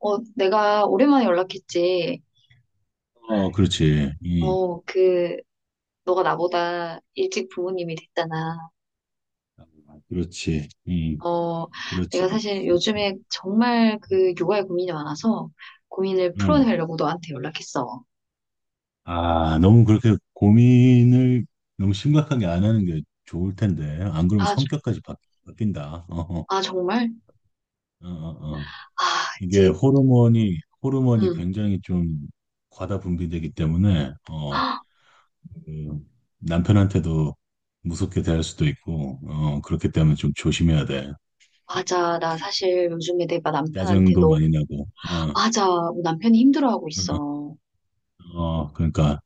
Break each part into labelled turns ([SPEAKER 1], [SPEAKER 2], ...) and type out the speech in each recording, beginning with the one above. [SPEAKER 1] 내가 오랜만에 연락했지.
[SPEAKER 2] 어, 그렇지. 이,
[SPEAKER 1] 어, 그, 너가 나보다 일찍 부모님이 됐잖아.
[SPEAKER 2] 아, 그렇지. 이,
[SPEAKER 1] 어,
[SPEAKER 2] 그렇지,
[SPEAKER 1] 내가 사실
[SPEAKER 2] 그렇지.
[SPEAKER 1] 요즘에 정말 그 육아에 고민이 많아서 고민을
[SPEAKER 2] 어.
[SPEAKER 1] 풀어내려고 너한테 연락했어.
[SPEAKER 2] 아, 너무 그렇게 고민을 너무 심각하게 안 하는 게 좋을 텐데. 안 그러면
[SPEAKER 1] 아,
[SPEAKER 2] 성격까지 바, 뀐다 어,
[SPEAKER 1] 아, 정말?
[SPEAKER 2] 어, 어. 어.
[SPEAKER 1] 아,
[SPEAKER 2] 이게
[SPEAKER 1] 이제,
[SPEAKER 2] 호르몬이
[SPEAKER 1] 응,
[SPEAKER 2] 굉장히 좀 과다 분비되기 때문에, 어, 그 남편한테도 무섭게 대할 수도 있고, 어, 그렇기 때문에 좀 조심해야 돼.
[SPEAKER 1] 맞아. 나 사실 요즘에 내가 남편한테
[SPEAKER 2] 짜증도
[SPEAKER 1] 너,
[SPEAKER 2] 많이 나고, 어,
[SPEAKER 1] 맞아. 우리 남편이 힘들어하고 있어.
[SPEAKER 2] 어,
[SPEAKER 1] 어,
[SPEAKER 2] 어, 그러니까.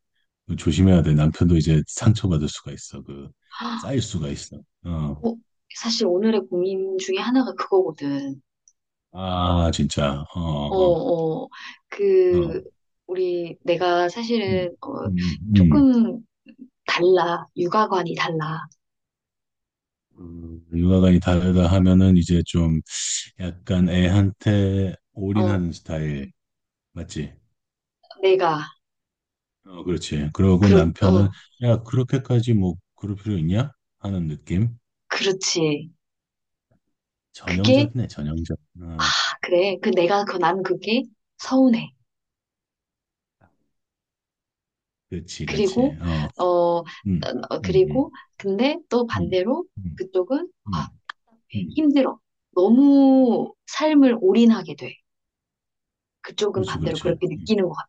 [SPEAKER 2] 그 조심해야 돼. 남편도 이제 상처받을 수가 있어. 그, 쌓일 수가 있어. 어.
[SPEAKER 1] 사실 오늘의 고민 중에 하나가 그거거든.
[SPEAKER 2] 아, 진짜. 어,
[SPEAKER 1] 어,
[SPEAKER 2] 어,
[SPEAKER 1] 어,
[SPEAKER 2] 어.
[SPEAKER 1] 그, 우리, 내가 사실은,
[SPEAKER 2] 음, 음, 음.
[SPEAKER 1] 조금 달라. 육아관이 달라.
[SPEAKER 2] 육아관이 다르다 하면은 이제 좀 약간 애한테
[SPEAKER 1] 어,
[SPEAKER 2] 올인하는 스타일. 맞지?
[SPEAKER 1] 내가,
[SPEAKER 2] 어, 그렇지. 그러고
[SPEAKER 1] 그렇,
[SPEAKER 2] 남편은,
[SPEAKER 1] 어,
[SPEAKER 2] 야, 그렇게까지 뭐, 그럴 필요 있냐? 하는 느낌?
[SPEAKER 1] 그렇지. 그게,
[SPEAKER 2] 전형적이네, 전형적. 어,
[SPEAKER 1] 아, 그래. 그 내가, 그, 난 그게 서운해.
[SPEAKER 2] 그렇지, 그렇지.
[SPEAKER 1] 그리고,
[SPEAKER 2] 어,
[SPEAKER 1] 어,
[SPEAKER 2] 음, 음, 음,
[SPEAKER 1] 그리고, 근데 또
[SPEAKER 2] 음,
[SPEAKER 1] 반대로
[SPEAKER 2] 음,
[SPEAKER 1] 그쪽은, 아,
[SPEAKER 2] 음, 음.
[SPEAKER 1] 힘들어. 너무 삶을 올인하게 돼. 그쪽은
[SPEAKER 2] 그렇지,
[SPEAKER 1] 반대로
[SPEAKER 2] 그렇지.
[SPEAKER 1] 그렇게
[SPEAKER 2] 음.
[SPEAKER 1] 느끼는 것 같아.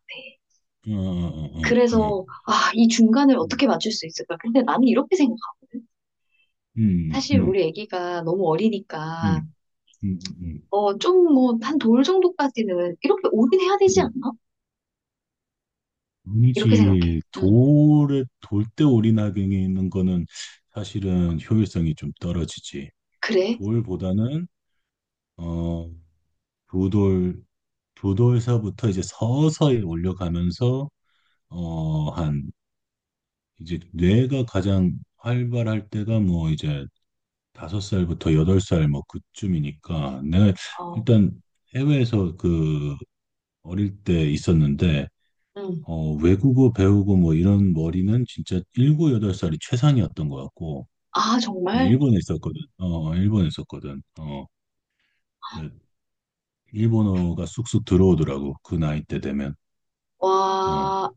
[SPEAKER 2] 어, 어, 어,
[SPEAKER 1] 그래서,
[SPEAKER 2] 어.
[SPEAKER 1] 아, 이 중간을
[SPEAKER 2] 음.
[SPEAKER 1] 어떻게 맞출 수 있을까? 근데 나는 이렇게 생각하거든.
[SPEAKER 2] 음,
[SPEAKER 1] 사실
[SPEAKER 2] 음,
[SPEAKER 1] 우리 아기가 너무 어리니까,
[SPEAKER 2] 음, 음, 음,
[SPEAKER 1] 좀 뭐, 한 돌 정도까지는 이렇게 올인해야 되지
[SPEAKER 2] 음.
[SPEAKER 1] 않나? 이렇게 생각해.
[SPEAKER 2] 아니지.
[SPEAKER 1] 응.
[SPEAKER 2] 돌에, 돌대 오리나경에 있는 거는 사실은 효율성이 좀 떨어지지.
[SPEAKER 1] 그래?
[SPEAKER 2] 돌보다는, 어, 두 돌, 두 돌서부터 이제 서서히 올려가면서, 어, 한, 이제 뇌가 가장 활발할 때가 뭐 이제 다섯 살부터 여덟 살 뭐 그쯤이니까. 내가
[SPEAKER 1] 어,
[SPEAKER 2] 일단 해외에서 그 어릴 때 있었는데,
[SPEAKER 1] 응.
[SPEAKER 2] 어, 외국어 배우고 뭐 이런 머리는 진짜 일곱, 여덟 살이 최상이었던 것 같고,
[SPEAKER 1] 아,
[SPEAKER 2] 네,
[SPEAKER 1] 정말?
[SPEAKER 2] 일본에 있었거든. 어, 어, 일본에 있었거든. 어, 그, 일본어가 쑥쑥 들어오더라고. 그 나이 때 되면. 어,
[SPEAKER 1] 와,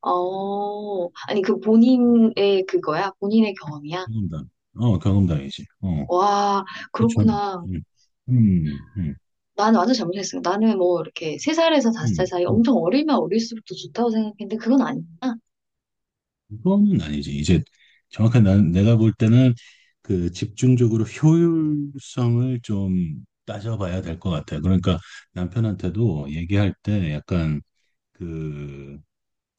[SPEAKER 1] 아니, 그 본인의 그거야? 본인의 경험이야?
[SPEAKER 2] 경험담. 어, 경험담이지. 어,
[SPEAKER 1] 와,
[SPEAKER 2] 좀,
[SPEAKER 1] 그렇구나.
[SPEAKER 2] 음, 음,
[SPEAKER 1] 나는 완전 잘못했어요. 나는 뭐 이렇게 세살에서 다섯
[SPEAKER 2] 음.
[SPEAKER 1] 살 사이 엄청 어리면 어릴수록 더 좋다고 생각했는데 그건 아니구나.
[SPEAKER 2] 그거는 아니지. 이제 정확한 난, 내가 볼 때는 그 집중적으로 효율성을 좀 따져봐야 될 것 같아. 그러니까 남편한테도 얘기할 때 약간 그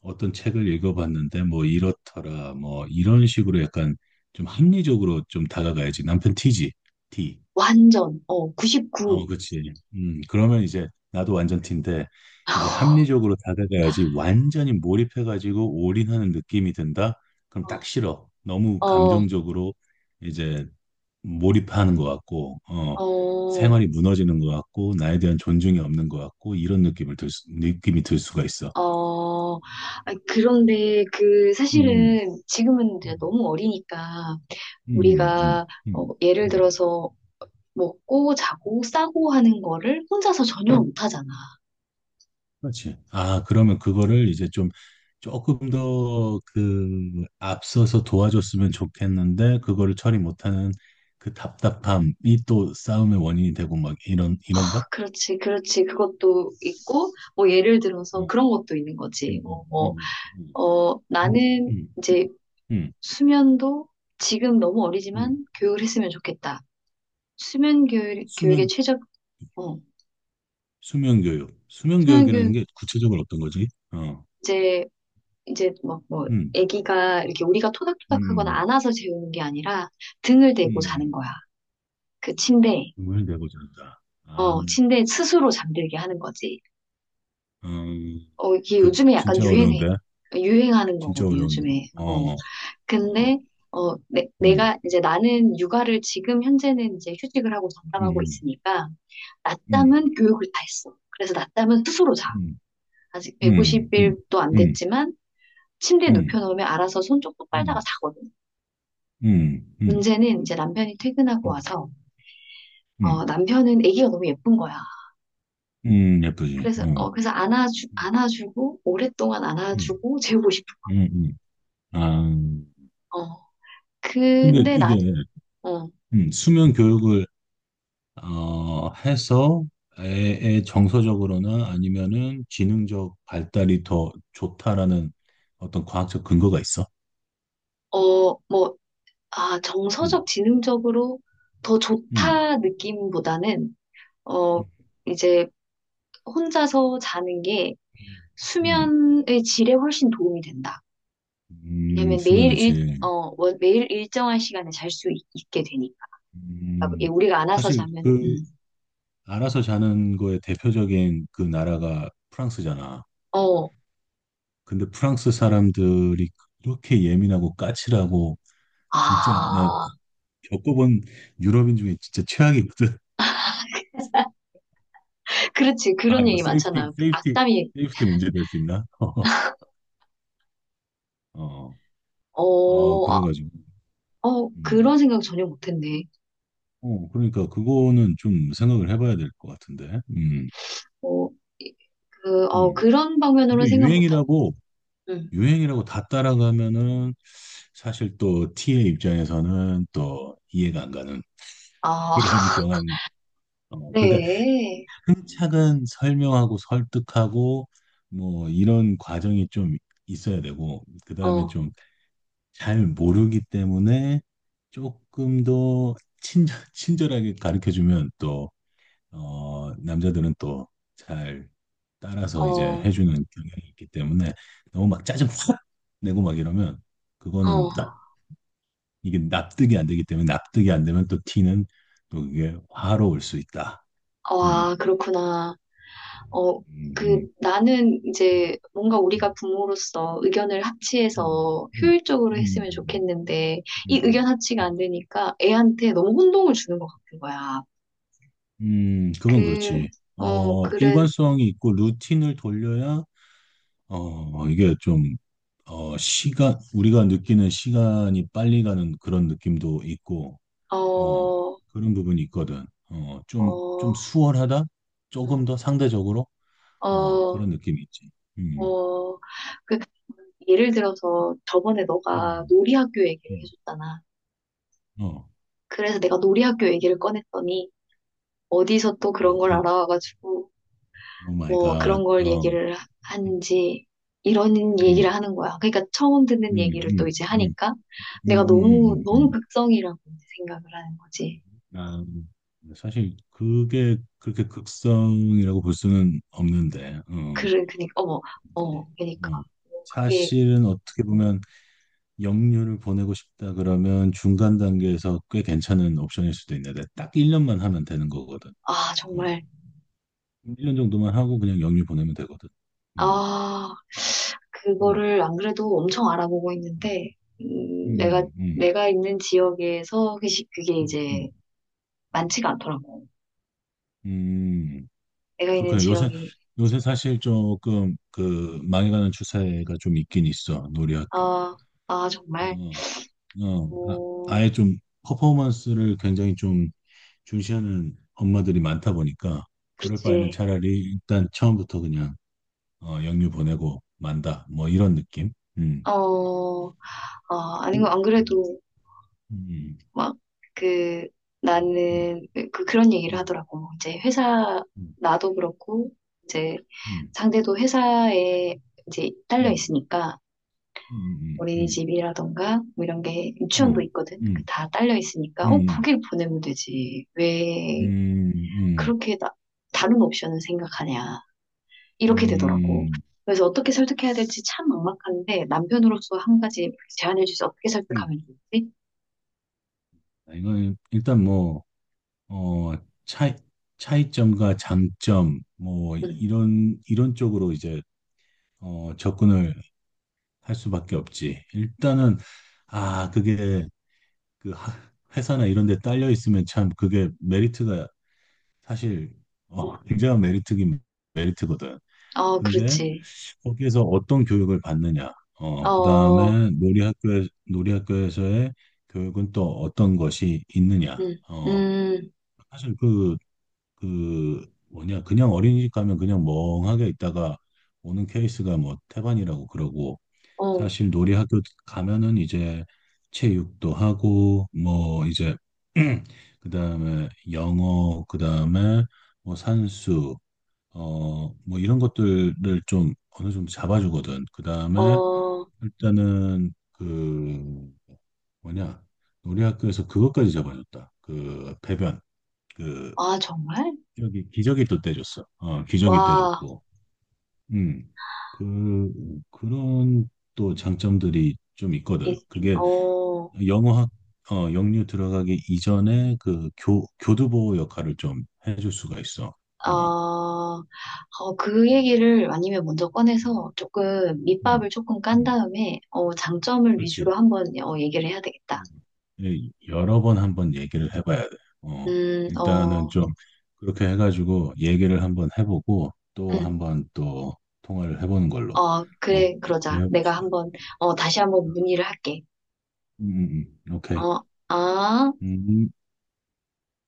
[SPEAKER 2] 어떤 책을 읽어봤는데 뭐 이렇더라 뭐 이런 식으로 약간 좀 합리적으로 좀 다가가야지. 남편 티지. 티.
[SPEAKER 1] 완전,
[SPEAKER 2] 어,
[SPEAKER 1] 99.
[SPEAKER 2] 그렇지. 그러면 이제 나도 완전 T인데 이제 합리적으로 다가가야지 완전히 몰입해가지고 올인하는 느낌이 든다? 그럼 딱 싫어. 너무
[SPEAKER 1] 어,
[SPEAKER 2] 감정적으로 이제 몰입하는 것 같고, 어,
[SPEAKER 1] 어,
[SPEAKER 2] 생활이 무너지는 것 같고, 나에 대한 존중이 없는 것 같고, 이런 느낌을 들, 느낌이 들 수가 있어.
[SPEAKER 1] 어. 아,
[SPEAKER 2] 음,
[SPEAKER 1] 그런데 그
[SPEAKER 2] 음,
[SPEAKER 1] 사실은 지금은 이제
[SPEAKER 2] 음,
[SPEAKER 1] 너무 어리니까
[SPEAKER 2] 음, 음,
[SPEAKER 1] 우리가
[SPEAKER 2] 음.
[SPEAKER 1] 예를
[SPEAKER 2] 음.
[SPEAKER 1] 들어서 먹고 자고 싸고 하는 거를 혼자서 전혀 못 하잖아.
[SPEAKER 2] 그렇지. 아, 그러면 그거를 이제 좀 조금 더 그 앞서서 도와줬으면 좋겠는데 그거를 처리 못하는 그 답답함이 또 싸움의 원인이 되고 막 이런
[SPEAKER 1] 아,
[SPEAKER 2] 이런가?
[SPEAKER 1] 그렇지, 그렇지. 그것도 있고 뭐 예를 들어서
[SPEAKER 2] 어,
[SPEAKER 1] 그런 것도 있는 거지.
[SPEAKER 2] 음,
[SPEAKER 1] 뭐,
[SPEAKER 2] 음,
[SPEAKER 1] 뭐,
[SPEAKER 2] 음, 음, 음,
[SPEAKER 1] 나는
[SPEAKER 2] 음, 음.
[SPEAKER 1] 이제
[SPEAKER 2] 음,
[SPEAKER 1] 수면도 지금 너무
[SPEAKER 2] 음.
[SPEAKER 1] 어리지만 교육을 했으면 좋겠다. 수면 교육, 교육의
[SPEAKER 2] 수면
[SPEAKER 1] 최적, 어,
[SPEAKER 2] 수면 교육, 수면
[SPEAKER 1] 수면
[SPEAKER 2] 교육이라는
[SPEAKER 1] 교육
[SPEAKER 2] 게 구체적으로 어떤 거지? 어,
[SPEAKER 1] 이제 이제 막 뭐
[SPEAKER 2] 음,
[SPEAKER 1] 아기가 이렇게 우리가 토닥토닥하거나
[SPEAKER 2] 음,
[SPEAKER 1] 안아서 재우는 게 아니라 등을 대고 자는
[SPEAKER 2] 음,
[SPEAKER 1] 거야. 그 침대에.
[SPEAKER 2] 음을 내고자 한다. 아,
[SPEAKER 1] 침대에 스스로 잠들게 하는 거지.
[SPEAKER 2] 음,
[SPEAKER 1] 이게
[SPEAKER 2] 그
[SPEAKER 1] 요즘에 약간
[SPEAKER 2] 진짜
[SPEAKER 1] 유행해.
[SPEAKER 2] 어려운데,
[SPEAKER 1] 유행하는
[SPEAKER 2] 진짜
[SPEAKER 1] 거거든,
[SPEAKER 2] 어려운데.
[SPEAKER 1] 요즘에.
[SPEAKER 2] 어. 어.
[SPEAKER 1] 근데 내,
[SPEAKER 2] 음,
[SPEAKER 1] 내가 이제 나는 육아를 지금 현재는 이제 휴직을 하고 전담하고
[SPEAKER 2] 음,
[SPEAKER 1] 있으니까
[SPEAKER 2] 음,
[SPEAKER 1] 낮잠은 교육을 다 했어. 그래서 낮잠은 스스로 자.
[SPEAKER 2] 음,
[SPEAKER 1] 아직
[SPEAKER 2] 음, 음,
[SPEAKER 1] 150일도 안
[SPEAKER 2] 음,
[SPEAKER 1] 됐지만 침대에
[SPEAKER 2] 음,
[SPEAKER 1] 눕혀놓으면 알아서 손 쪽 똑 빨다가
[SPEAKER 2] 음,
[SPEAKER 1] 자거든.
[SPEAKER 2] 음, 음,
[SPEAKER 1] 문제는 이제 남편이 퇴근하고
[SPEAKER 2] 음,
[SPEAKER 1] 와서
[SPEAKER 2] 음,
[SPEAKER 1] 남편은 아기가 너무 예쁜 거야.
[SPEAKER 2] 예쁘지.
[SPEAKER 1] 그래서
[SPEAKER 2] 음,
[SPEAKER 1] 안아주고 오랫동안
[SPEAKER 2] 음,
[SPEAKER 1] 안아주고 재우고 싶은
[SPEAKER 2] 음. 아,
[SPEAKER 1] 거야. 어.
[SPEAKER 2] 근데
[SPEAKER 1] 근데
[SPEAKER 2] 이게
[SPEAKER 1] 난 어,
[SPEAKER 2] 수면 교육을 어, 해서 애의 정서적으로나 아니면은 지능적 발달이 더 좋다라는 어떤 과학적 근거가 있어.
[SPEAKER 1] 뭐, 아,
[SPEAKER 2] 음,
[SPEAKER 1] 정서적, 지능적으로 더
[SPEAKER 2] 음,
[SPEAKER 1] 좋다 느낌보다는, 어,
[SPEAKER 2] 음,
[SPEAKER 1] 이제 혼자서 자는 게
[SPEAKER 2] 음,
[SPEAKER 1] 수면의 질에 훨씬 도움이 된다. 왜냐면 매일
[SPEAKER 2] 수면의
[SPEAKER 1] 일,
[SPEAKER 2] 질.
[SPEAKER 1] 어, 월- 매일 일정한 시간에 잘 수 있게 되니까. 그러니까 이게
[SPEAKER 2] 음,
[SPEAKER 1] 우리가 안아서
[SPEAKER 2] 사실
[SPEAKER 1] 자면,
[SPEAKER 2] 그 알아서 자는 거의 대표적인 그 나라가 프랑스잖아.
[SPEAKER 1] 어,
[SPEAKER 2] 근데 프랑스 사람들이 그렇게 예민하고 까칠하고 진짜 나
[SPEAKER 1] 아,
[SPEAKER 2] 겪어본 유럽인 중에 진짜 최악이거든.
[SPEAKER 1] 그렇지.
[SPEAKER 2] 아
[SPEAKER 1] 그런
[SPEAKER 2] 이거
[SPEAKER 1] 얘기
[SPEAKER 2] 세이프티
[SPEAKER 1] 많잖아. 그
[SPEAKER 2] 세이프티
[SPEAKER 1] 악담이,
[SPEAKER 2] 세이프티 문제 될 수 있나? 어, 아
[SPEAKER 1] 어, 아,
[SPEAKER 2] 그래가지고 음.
[SPEAKER 1] 그런 생각 전혀 못했네.
[SPEAKER 2] 어 그러니까 그거는 좀 생각을 해봐야 될 것 같은데.
[SPEAKER 1] 어, 이-
[SPEAKER 2] 음.
[SPEAKER 1] 그런
[SPEAKER 2] 근데
[SPEAKER 1] 방면으로는 생각 못하고.
[SPEAKER 2] 유행이라고
[SPEAKER 1] 응.
[SPEAKER 2] 유행이라고 다 따라가면은 사실 또 T의 입장에서는 또 이해가 안 가는.
[SPEAKER 1] 아,
[SPEAKER 2] 그런 경향이. 어, 그러니까
[SPEAKER 1] 그래.
[SPEAKER 2] 차근 설명하고 설득하고 뭐 이런 과정이 좀 있어야 되고 그다음에
[SPEAKER 1] 어,
[SPEAKER 2] 좀 잘 모르기 때문에 조금 더 친절하게 가르쳐 주면 또 어, 남자들은 또 잘 따라서 이제
[SPEAKER 1] 어,
[SPEAKER 2] 해주는 경향이 있기 때문에 너무 막 짜증 확 내고 막 이러면 그거는
[SPEAKER 1] 어,
[SPEAKER 2] 납, 이게 납득이 안 되기 때문에 납득이 안 되면 또 티는 또 그게 화로 올 수 있다. 음.
[SPEAKER 1] 와, 그렇구나. 어,
[SPEAKER 2] 음, 음,
[SPEAKER 1] 나는 이제 뭔가 우리가
[SPEAKER 2] 음,
[SPEAKER 1] 부모로서 의견을
[SPEAKER 2] 음,
[SPEAKER 1] 합치해서
[SPEAKER 2] 음,
[SPEAKER 1] 효율적으로
[SPEAKER 2] 음,
[SPEAKER 1] 했으면
[SPEAKER 2] 음,
[SPEAKER 1] 좋겠는데, 이 의견
[SPEAKER 2] 음,
[SPEAKER 1] 합치가
[SPEAKER 2] 음,
[SPEAKER 1] 안 되니까 애한테 너무 혼동을 주는 것 같은 거야.
[SPEAKER 2] 그건
[SPEAKER 1] 그,
[SPEAKER 2] 그렇지. 어,
[SPEAKER 1] 그래.
[SPEAKER 2] 일관성이 있고 루틴을 돌려야 어, 이게 좀 어, 시간 우리가 느끼는 시간이 빨리 가는 그런 느낌도 있고 어,
[SPEAKER 1] 어,
[SPEAKER 2] 그런 부분이 있거든. 어, 좀, 좀
[SPEAKER 1] 어,
[SPEAKER 2] 수월하다?
[SPEAKER 1] 응,
[SPEAKER 2] 조금 더 상대적으로 어,
[SPEAKER 1] 어,
[SPEAKER 2] 그런 느낌이 있지. 음,
[SPEAKER 1] 어, 그, 예를 들어서 저번에 너가
[SPEAKER 2] 음,
[SPEAKER 1] 놀이학교 얘기를
[SPEAKER 2] 음,
[SPEAKER 1] 해줬잖아.
[SPEAKER 2] 어,
[SPEAKER 1] 그래서 내가 놀이학교 얘기를 꺼냈더니 어디서 또 그런
[SPEAKER 2] 또,
[SPEAKER 1] 걸
[SPEAKER 2] 어,
[SPEAKER 1] 알아와가지고
[SPEAKER 2] 오 마이
[SPEAKER 1] 뭐
[SPEAKER 2] 갓.
[SPEAKER 1] 그런 걸
[SPEAKER 2] 어,
[SPEAKER 1] 얘기를 하는지 이런
[SPEAKER 2] 음.
[SPEAKER 1] 얘기를 하는 거야. 그러니까 처음
[SPEAKER 2] 음,
[SPEAKER 1] 듣는 얘기를 또
[SPEAKER 2] 음,
[SPEAKER 1] 이제
[SPEAKER 2] 음,
[SPEAKER 1] 하니까 내가 너무 너무
[SPEAKER 2] 음.
[SPEAKER 1] 극성이라고 이제 생각을 하는 거지.
[SPEAKER 2] 아, 사실 그게 그렇게 극성이라고 볼 수는 없는데, 어,
[SPEAKER 1] 그래, 그니까 어머,
[SPEAKER 2] 그치.
[SPEAKER 1] 그니까
[SPEAKER 2] 어.
[SPEAKER 1] 뭐 그게
[SPEAKER 2] 사실은 어떻게
[SPEAKER 1] 음,
[SPEAKER 2] 보면 영유를 보내고 싶다 그러면 중간 단계에서 꽤 괜찮은 옵션일 수도 있는데 딱 1년만 하면 되는 거거든.
[SPEAKER 1] 아,
[SPEAKER 2] 그거는
[SPEAKER 1] 정말.
[SPEAKER 2] 1년 정도만 하고 그냥 영유 보내면 되거든. 음,
[SPEAKER 1] 아,
[SPEAKER 2] 음,
[SPEAKER 1] 그거를 안 그래도 엄청 알아보고
[SPEAKER 2] 음,
[SPEAKER 1] 있는데, 내가,
[SPEAKER 2] 음, 음,
[SPEAKER 1] 내가 있는 지역에서 그게
[SPEAKER 2] 음,
[SPEAKER 1] 이제
[SPEAKER 2] 음.
[SPEAKER 1] 많지가 않더라고.
[SPEAKER 2] 음.
[SPEAKER 1] 내가 있는
[SPEAKER 2] 그렇군요. 요새
[SPEAKER 1] 지역이,
[SPEAKER 2] 요새 사실 조금 그 망해가는 추세가 좀 있긴 있어 놀이학교.
[SPEAKER 1] 아, 아,
[SPEAKER 2] 어,
[SPEAKER 1] 정말,
[SPEAKER 2] 어, 아,
[SPEAKER 1] 어,
[SPEAKER 2] 아예 좀 퍼포먼스를 굉장히 좀 중시하는 엄마들이 많다 보니까 그럴 바에는
[SPEAKER 1] 그렇지.
[SPEAKER 2] 차라리 일단 처음부터 그냥 어, 영유 보내고 만다 뭐 이런 느낌. 음.
[SPEAKER 1] 어, 아, 아니고,
[SPEAKER 2] 음.
[SPEAKER 1] 안 그래도
[SPEAKER 2] 음.
[SPEAKER 1] 막, 그,
[SPEAKER 2] 음.
[SPEAKER 1] 나는, 그, 그런 얘기를
[SPEAKER 2] 음.
[SPEAKER 1] 하더라고. 이제 회사, 나도 그렇고, 이제
[SPEAKER 2] 음.
[SPEAKER 1] 상대도 회사에 이제 딸려
[SPEAKER 2] 음.
[SPEAKER 1] 있으니까,
[SPEAKER 2] 음. 음. 음.
[SPEAKER 1] 어린이집이라던가 뭐 이런 게 유치원도
[SPEAKER 2] 음.
[SPEAKER 1] 있거든. 그
[SPEAKER 2] 음.
[SPEAKER 1] 다 딸려 있으니까
[SPEAKER 2] 음.
[SPEAKER 1] 거길 보내면 되지. 왜
[SPEAKER 2] 음. 음.
[SPEAKER 1] 그렇게 나, 다른 옵션을 생각하냐. 이렇게 되더라고.
[SPEAKER 2] 음.
[SPEAKER 1] 그래서 어떻게 설득해야 될지 참 막막한데 남편으로서 한 가지 제안해 주세요. 어떻게
[SPEAKER 2] 음.
[SPEAKER 1] 설득하면 좋지?
[SPEAKER 2] 이건 일단 뭐, 어, 차이, 차이점과 장점, 뭐,
[SPEAKER 1] 음.
[SPEAKER 2] 이런, 이런 쪽으로 이제, 어, 접근을 할 수밖에 없지. 일단은, 아, 그게, 그, 하- 회사나 이런 데 딸려 있으면 참 그게 메리트가 사실,
[SPEAKER 1] 음.
[SPEAKER 2] 어, 굉장한 메리트긴 메리트거든.
[SPEAKER 1] 어,
[SPEAKER 2] 근데
[SPEAKER 1] 그렇지.
[SPEAKER 2] 거기에서 어떤 교육을 받느냐, 어, 그
[SPEAKER 1] 어,
[SPEAKER 2] 다음에 놀이학교에서의 교육은 또 어떤 것이 있느냐,
[SPEAKER 1] 음,
[SPEAKER 2] 어,
[SPEAKER 1] 음,
[SPEAKER 2] 사실 그 그 뭐냐 그냥 어린이집 가면 그냥 멍하게 있다가 오는 케이스가 뭐 태반이라고 그러고
[SPEAKER 1] 어,
[SPEAKER 2] 사실 놀이 학교 가면은 이제 체육도 하고 뭐 이제 그다음에 영어 그다음에 뭐 산수 어 뭐 이런 것들을 좀 어느 정도 잡아주거든. 그다음에
[SPEAKER 1] 어,
[SPEAKER 2] 일단은 그 뭐냐 놀이 학교에서 그것까지 잡아줬다. 그 배변 그
[SPEAKER 1] 아, 정말?
[SPEAKER 2] 기적이 또 떼줬어. 어, 기적이
[SPEAKER 1] 와,
[SPEAKER 2] 떼줬고. 음. 그, 그런 또 장점들이 좀
[SPEAKER 1] 이,
[SPEAKER 2] 있거든.
[SPEAKER 1] 이-
[SPEAKER 2] 그게
[SPEAKER 1] 어.
[SPEAKER 2] 영어학, 어, 영유 들어가기 이전에 그 교, 교두보 역할을 좀 해줄 수가 있어.
[SPEAKER 1] 어,
[SPEAKER 2] 어.
[SPEAKER 1] 어, 그
[SPEAKER 2] 음,
[SPEAKER 1] 얘기를 아니면 먼저 꺼내서 조금
[SPEAKER 2] 음,
[SPEAKER 1] 밑밥을 조금 깐
[SPEAKER 2] 음.
[SPEAKER 1] 다음에 장점을
[SPEAKER 2] 그렇지.
[SPEAKER 1] 위주로 한번 얘기를 해야 되겠다.
[SPEAKER 2] 음. 예, 여러 번 한번 얘기를 해봐야 돼. 어,
[SPEAKER 1] 음,
[SPEAKER 2] 일단은
[SPEAKER 1] 어,
[SPEAKER 2] 좀 그렇게 해가지고 얘기를 한번 해보고 또
[SPEAKER 1] 음,
[SPEAKER 2] 한번 또 통화를 해보는 걸로. 어,
[SPEAKER 1] 그래,
[SPEAKER 2] 그렇게
[SPEAKER 1] 그러자. 내가
[SPEAKER 2] 해봅시다.
[SPEAKER 1] 한번 다시 한번 문의를 할게.
[SPEAKER 2] 오케이.
[SPEAKER 1] 어, 아.
[SPEAKER 2] 음,